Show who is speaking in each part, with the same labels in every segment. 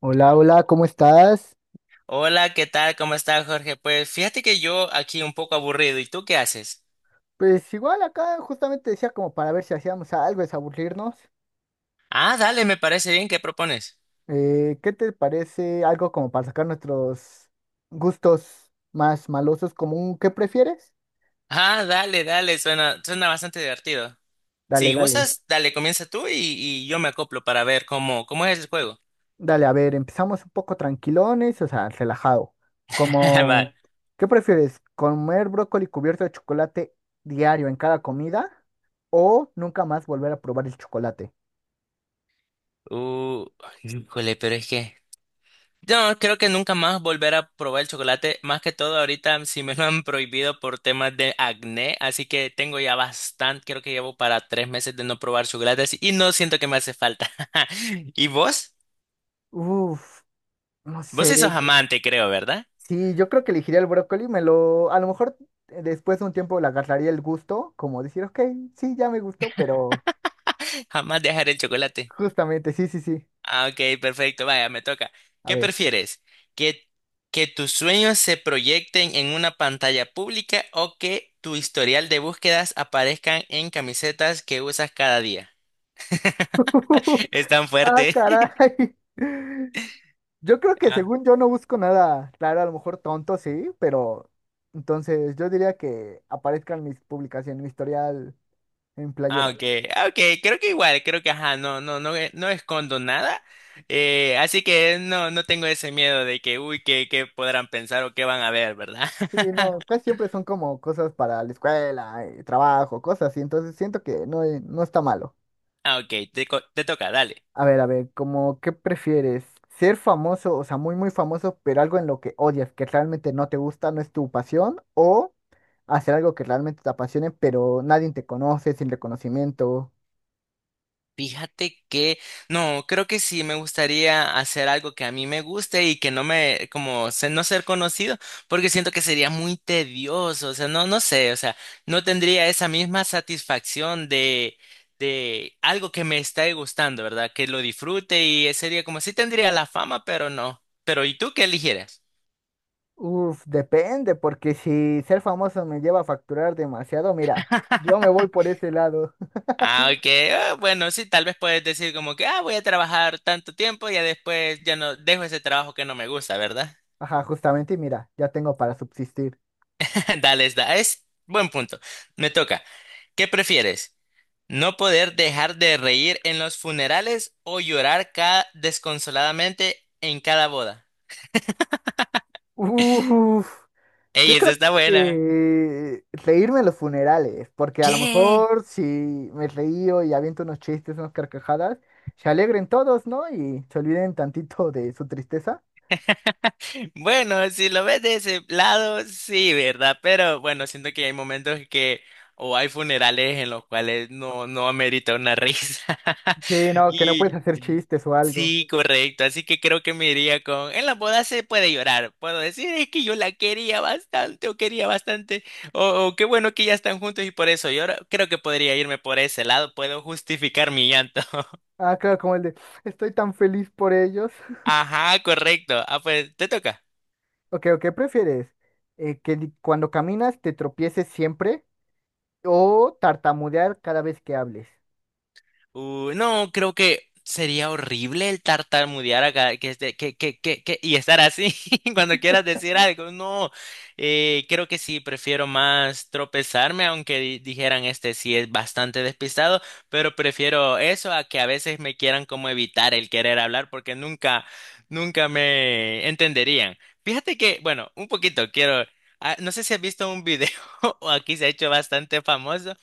Speaker 1: Hola, hola, ¿cómo estás?
Speaker 2: Hola, ¿qué tal? ¿Cómo estás, Jorge? Pues fíjate que yo aquí un poco aburrido. ¿Y tú qué haces?
Speaker 1: Pues igual acá justamente decía como para ver si hacíamos algo, desaburrirnos.
Speaker 2: Ah, dale, me parece bien. ¿Qué propones?
Speaker 1: ¿Qué te parece algo como para sacar nuestros gustos más malosos como un qué prefieres?
Speaker 2: Ah, dale, dale. Suena bastante divertido.
Speaker 1: Dale,
Speaker 2: Si
Speaker 1: dale.
Speaker 2: gustas, dale, comienza tú y yo me acoplo para ver cómo es el juego.
Speaker 1: Dale, a ver, empezamos un poco tranquilones, o sea, relajado. Como,
Speaker 2: Va.
Speaker 1: ¿qué prefieres? ¿Comer brócoli cubierto de chocolate diario en cada comida? ¿O nunca más volver a probar el chocolate?
Speaker 2: Uh, híjole, pero es que... No, creo que nunca más volver a probar el chocolate. Más que todo, ahorita sí me lo han prohibido por temas de acné, así que tengo ya bastante, creo que llevo para 3 meses de no probar chocolates y no siento que me hace falta. ¿Y vos?
Speaker 1: Uf, no
Speaker 2: Vos
Speaker 1: sé.
Speaker 2: sí sos amante, creo, ¿verdad?
Speaker 1: Sí, yo creo que elegiría el brócoli, me lo, a lo mejor después de un tiempo le agarraría el gusto, como decir, ok, sí, ya me gustó, pero
Speaker 2: Jamás dejar el chocolate.
Speaker 1: justamente, sí, sí, sí,
Speaker 2: Ah, ok, perfecto, vaya, me toca.
Speaker 1: a
Speaker 2: ¿Qué
Speaker 1: ver.
Speaker 2: prefieres? ¿Que, que tus sueños se proyecten en una pantalla pública o que tu historial de búsquedas aparezcan en camisetas que usas cada día? Es tan
Speaker 1: Ah,
Speaker 2: fuerte.
Speaker 1: caray. Yo creo que
Speaker 2: Ah,
Speaker 1: según yo no busco nada, claro, a lo mejor tonto, sí, pero entonces yo diría que aparezcan mis publicaciones, mi historial en
Speaker 2: ah,
Speaker 1: playera.
Speaker 2: ok. Ah, ok. Creo que igual, creo que ajá, no, no, no, no escondo nada. Así que no, no tengo ese miedo de que, uy, que podrán pensar o qué van a ver, ¿verdad?
Speaker 1: Sí, no, casi siempre son como cosas para la escuela, trabajo, cosas así, entonces siento que no, no está malo.
Speaker 2: Ah, ok, te, co- te toca, dale.
Speaker 1: A ver, como, ¿qué prefieres? ¿Ser famoso, o sea, muy, muy famoso, pero algo en lo que odias, que realmente no te gusta, no es tu pasión? ¿O hacer algo que realmente te apasione, pero nadie te conoce, sin reconocimiento?
Speaker 2: Fíjate que, no, creo que sí me gustaría hacer algo que a mí me guste y que no me, como, se- no ser conocido, porque siento que sería muy tedioso, o sea, no, no sé, o sea, no tendría esa misma satisfacción de algo que me está gustando, ¿verdad? Que lo disfrute y sería como, sí tendría la fama, pero no. Pero, ¿y tú qué eligieras?
Speaker 1: Uf, depende, porque si ser famoso me lleva a facturar demasiado, mira, yo me voy por ese lado.
Speaker 2: Ah, ok, ah, bueno, sí, tal vez puedes decir como que, ah, voy a trabajar tanto tiempo y ya después ya no dejo ese trabajo que no me gusta, ¿verdad?
Speaker 1: Ajá, justamente, y mira, ya tengo para subsistir.
Speaker 2: Dale, es, da- es buen punto. Me toca. ¿Qué prefieres? ¿No poder dejar de reír en los funerales o llorar ca- desconsoladamente en cada boda?
Speaker 1: Uf. Yo
Speaker 2: Ey, esa
Speaker 1: creo
Speaker 2: está buena.
Speaker 1: que reírme en los funerales, porque a lo
Speaker 2: ¿Qué?
Speaker 1: mejor si me reío y aviento unos chistes, unas carcajadas, se alegren todos, ¿no? Y se olviden tantito de su tristeza.
Speaker 2: Bueno, si lo ves de ese lado, sí, ¿verdad? Pero bueno, siento que hay momentos que o hay funerales en los cuales no, no amerita una risa.
Speaker 1: Sí, no, que no puedes
Speaker 2: Y
Speaker 1: hacer chistes o algo.
Speaker 2: sí, correcto. Así que creo que me iría con, en la boda se puede llorar. Puedo decir, es que yo la quería bastante. O qué bueno que ya están juntos y por eso lloro. Creo que podría irme por ese lado. Puedo justificar mi llanto.
Speaker 1: Ah, claro, como el de, estoy tan feliz por ellos.
Speaker 2: Ajá, correcto. Ah, pues, te toca.
Speaker 1: Ok, ¿o qué prefieres? ¿Cuando caminas te tropieces siempre o tartamudear cada vez que hables?
Speaker 2: No, creo que sería horrible el tartamudear acá, que, este- que- y estar así cuando quieras decir algo. No, creo que sí, prefiero más tropezarme, aunque di- dijeran este sí es bastante despistado, pero prefiero eso a que a veces me quieran como evitar el querer hablar porque nunca, nunca me entenderían. Fíjate que, bueno, un poquito quiero, ah, no sé si has visto un video, o aquí se ha hecho bastante famoso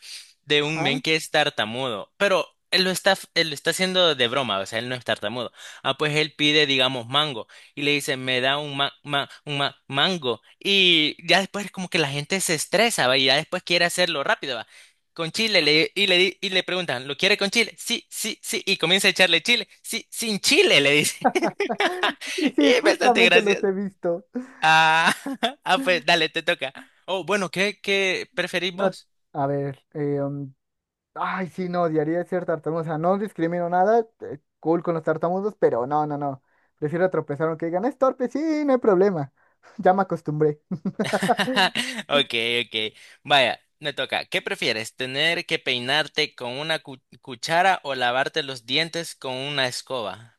Speaker 2: de un
Speaker 1: Ajá.
Speaker 2: men que es tartamudo, pero él lo está haciendo de broma, o sea, él no es tartamudo. Ah, pues él pide, digamos, mango y le dice, me da un, ma- ma- un ma- mango. Y ya después como que la gente se estresa, ¿va? Y ya después quiere hacerlo rápido, ¿va? Con chile, le, y, le, di- y le preguntan, ¿lo quiere con chile? Sí, sí, sí. Y comienza a echarle chile. Sí, sin chile, le dice.
Speaker 1: Sí, sí,
Speaker 2: Y es bastante
Speaker 1: justamente los
Speaker 2: gracioso.
Speaker 1: he visto.
Speaker 2: Ah, ah, pues dale, te toca. Oh, bueno, ¿qué preferís
Speaker 1: No,
Speaker 2: vos?
Speaker 1: a ver, ay, sí, no, odiaría ser tartamudo. O sea, no discrimino nada. Cool con los tartamudos, pero no, no, no. Prefiero tropezar aunque digan, es torpe, sí, no hay problema. Ya me acostumbré.
Speaker 2: Ok, ok. Vaya, me toca. ¿Qué prefieres? ¿Tener que peinarte con una cu- cuchara o lavarte los dientes con una escoba?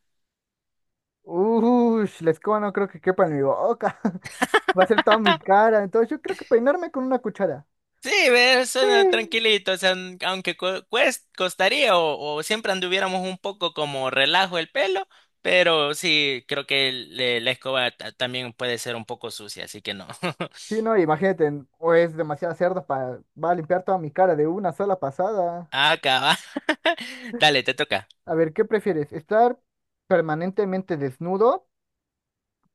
Speaker 1: Uy, la escoba no creo que quepa en mi boca. Va a ser toda mi cara. Entonces yo creo que peinarme con una cuchara.
Speaker 2: Sí, ve,
Speaker 1: Sí,
Speaker 2: suena tranquilito, o sea, n- aunque cu- cuest- costaría o siempre anduviéramos un poco como relajo el pelo, pero sí, creo que el- le- la escoba ta- también puede ser un poco sucia, así que no.
Speaker 1: sí, no, imagínate, o es demasiado cerdo para... Va a limpiar toda mi cara de una sola pasada.
Speaker 2: Acaba. Dale, te toca.
Speaker 1: A ver, ¿qué prefieres? ¿Estar permanentemente desnudo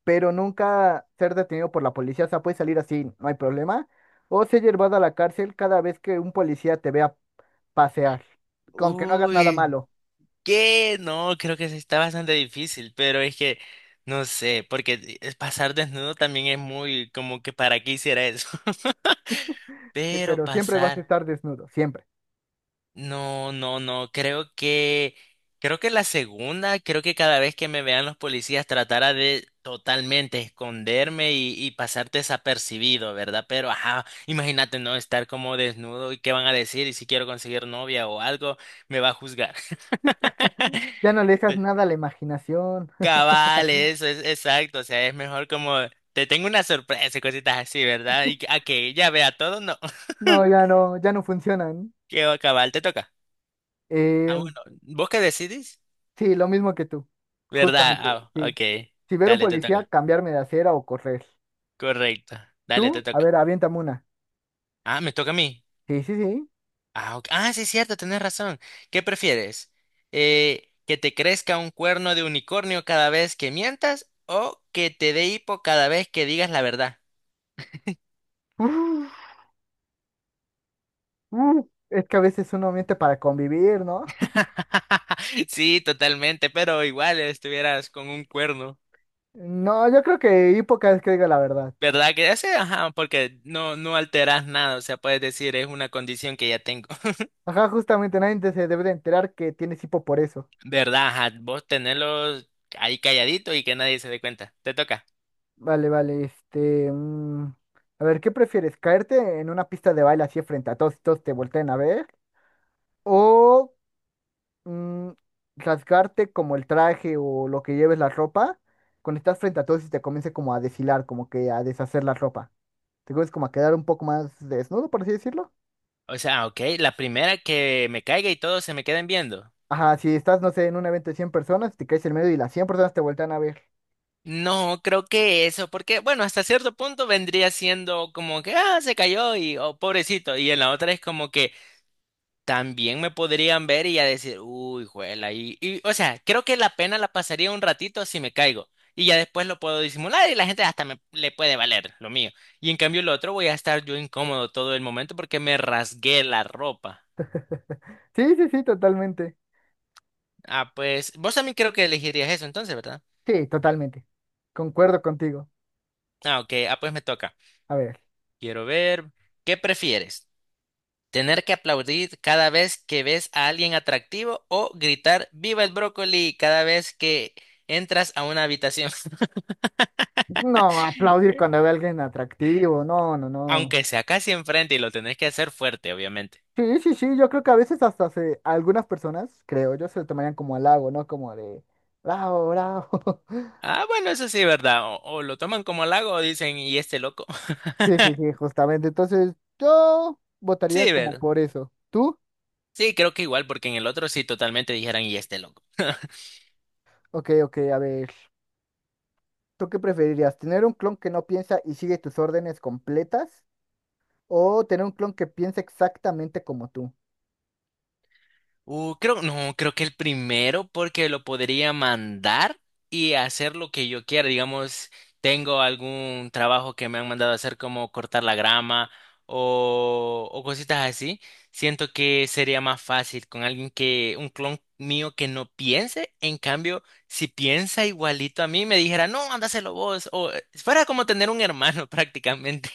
Speaker 1: pero nunca ser detenido por la policía? O sea, puedes salir así, no hay problema. ¿O ser llevado a la cárcel cada vez que un policía te vea pasear, con que no hagas nada
Speaker 2: Uy.
Speaker 1: malo?
Speaker 2: ¿Qué? No, creo que sí está bastante difícil, pero es que no sé, porque es- pasar desnudo también es muy como que para qué hiciera eso.
Speaker 1: Sí,
Speaker 2: Pero
Speaker 1: pero siempre vas a
Speaker 2: pasar,
Speaker 1: estar desnudo, siempre.
Speaker 2: no, no, no, creo que la segunda, creo que cada vez que me vean los policías tratara de totalmente esconderme y pasar desapercibido, ¿verdad? Pero ajá, imagínate no estar como desnudo y qué van a decir y si quiero conseguir novia o algo, me va a juzgar.
Speaker 1: Ya no le dejas nada a la imaginación.
Speaker 2: Cabal, eso es exacto, o sea, es mejor como te tengo una sorpresa y cositas así, ¿verdad? Y que- a que ella vea todo, no.
Speaker 1: No, ya no, ya no funcionan.
Speaker 2: Qué va, cabal, te toca. Ah,
Speaker 1: Eh,
Speaker 2: bueno, ¿vos qué decidís?
Speaker 1: sí, lo mismo que tú,
Speaker 2: ¿Verdad?
Speaker 1: justamente,
Speaker 2: Ah,
Speaker 1: sí.
Speaker 2: ok.
Speaker 1: Si ver un
Speaker 2: Dale, te
Speaker 1: policía,
Speaker 2: toca.
Speaker 1: cambiarme de acera o correr.
Speaker 2: Correcto. Dale, te
Speaker 1: ¿Tú? A
Speaker 2: toca.
Speaker 1: ver, aviéntame una.
Speaker 2: Ah, me toca a mí.
Speaker 1: Sí, sí, sí.
Speaker 2: Ah, ok. Ah, sí, es cierto, tenés razón. ¿Qué prefieres? ¿Que te crezca un cuerno de unicornio cada vez que mientas o que te dé hipo cada vez que digas la verdad?
Speaker 1: Uf, uf, es que a veces uno miente para convivir, ¿no?
Speaker 2: Sí, totalmente, pero igual estuvieras con un cuerno,
Speaker 1: No, yo creo que hipo cada vez que diga la verdad.
Speaker 2: ¿verdad? Que ya sé, ajá, porque no, no alteras nada, o sea, puedes decir, es una condición que ya tengo,
Speaker 1: Ajá, justamente nadie se debe de enterar que tienes hipo por eso.
Speaker 2: ¿verdad? Ajá, vos tenerlos ahí calladito y que nadie se dé cuenta, te toca.
Speaker 1: Vale, vale, este, a ver, ¿qué prefieres? ¿Caerte en una pista de baile así frente a todos y todos te volteen a ver? ¿O mm, rasgarte como el traje o lo que lleves la ropa cuando estás frente a todos y te comience como a deshilar, como que a deshacer la ropa? ¿Te comienzas como a quedar un poco más desnudo, por así decirlo?
Speaker 2: O sea, ok, la primera que me caiga y todos se me queden viendo.
Speaker 1: Ajá, si estás, no sé, en un evento de 100 personas, te caes en medio y las 100 personas te voltean a ver.
Speaker 2: No, creo que eso, porque bueno, hasta cierto punto vendría siendo como que, ah, se cayó y, oh, pobrecito, y en la otra es como que... también me podrían ver y ya decir, uy, juela, o sea, creo que la pena la pasaría un ratito si me caigo y ya después lo puedo disimular y la gente hasta me le puede valer lo mío. Y en cambio el otro voy a estar yo incómodo todo el momento porque me rasgué la ropa.
Speaker 1: Sí, sí, sí, totalmente.
Speaker 2: Ah, pues vos también creo que elegirías eso entonces, ¿verdad?
Speaker 1: Sí, totalmente. Concuerdo contigo.
Speaker 2: Ah, ok, ah, pues me toca.
Speaker 1: A ver,
Speaker 2: Quiero ver, ¿qué prefieres? ¿Tener que aplaudir cada vez que ves a alguien atractivo o gritar viva el brócoli cada vez que entras a una habitación?
Speaker 1: no aplaudir cuando ve a alguien atractivo, no, no, no.
Speaker 2: Aunque sea casi enfrente y lo tenés que hacer fuerte, obviamente.
Speaker 1: Sí, sí, sí, yo creo que a veces hasta se, algunas personas, creo yo, se lo tomarían como halago, ¿no? Como de, bravo, bravo.
Speaker 2: Ah, bueno, eso sí, ¿verdad? O lo toman como halago o dicen, ¿y este loco?
Speaker 1: Sí, sí, sí, justamente. Entonces, yo votaría
Speaker 2: Sí,
Speaker 1: como
Speaker 2: ¿verdad?
Speaker 1: por eso. ¿Tú?
Speaker 2: Sí, creo que igual, porque en el otro sí totalmente dijeran, ¿y este loco?
Speaker 1: Ok, ok, a ver. ¿Tú qué preferirías? ¿Tener un clon que no piensa y sigue tus órdenes completas? ¿O tener un clon que piensa exactamente como tú?
Speaker 2: Creo, no, creo que el primero porque lo podría mandar y hacer lo que yo quiera. Digamos, tengo algún trabajo que me han mandado a hacer como cortar la grama o cositas así. Siento que sería más fácil con alguien que, un clon mío que no piense. En cambio, si piensa igualito a mí, me dijera, no, ándaselo vos. O fuera como tener un hermano prácticamente.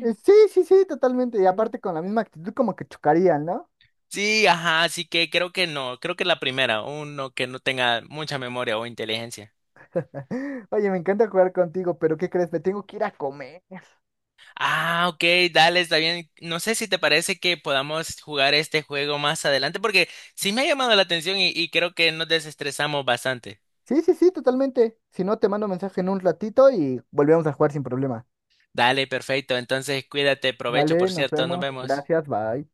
Speaker 1: Sí, sí, sí, totalmente. Y aparte con la misma actitud como que chocarían, ¿no?
Speaker 2: Sí, ajá, así que creo que no, creo que la primera, uno que no tenga mucha memoria o inteligencia.
Speaker 1: Oye, me encanta jugar contigo, pero ¿qué crees? Me tengo que ir a comer.
Speaker 2: Ah, ok, dale, está bien. No sé si te parece que podamos jugar este juego más adelante, porque sí me ha llamado la atención y creo que nos desestresamos bastante.
Speaker 1: Sí, sí, sí, totalmente. Si no, te mando mensaje en un ratito y volvemos a jugar sin problema.
Speaker 2: Dale, perfecto, entonces cuídate, provecho,
Speaker 1: Dale,
Speaker 2: por
Speaker 1: nos
Speaker 2: cierto, nos
Speaker 1: vemos.
Speaker 2: vemos.
Speaker 1: Gracias, bye.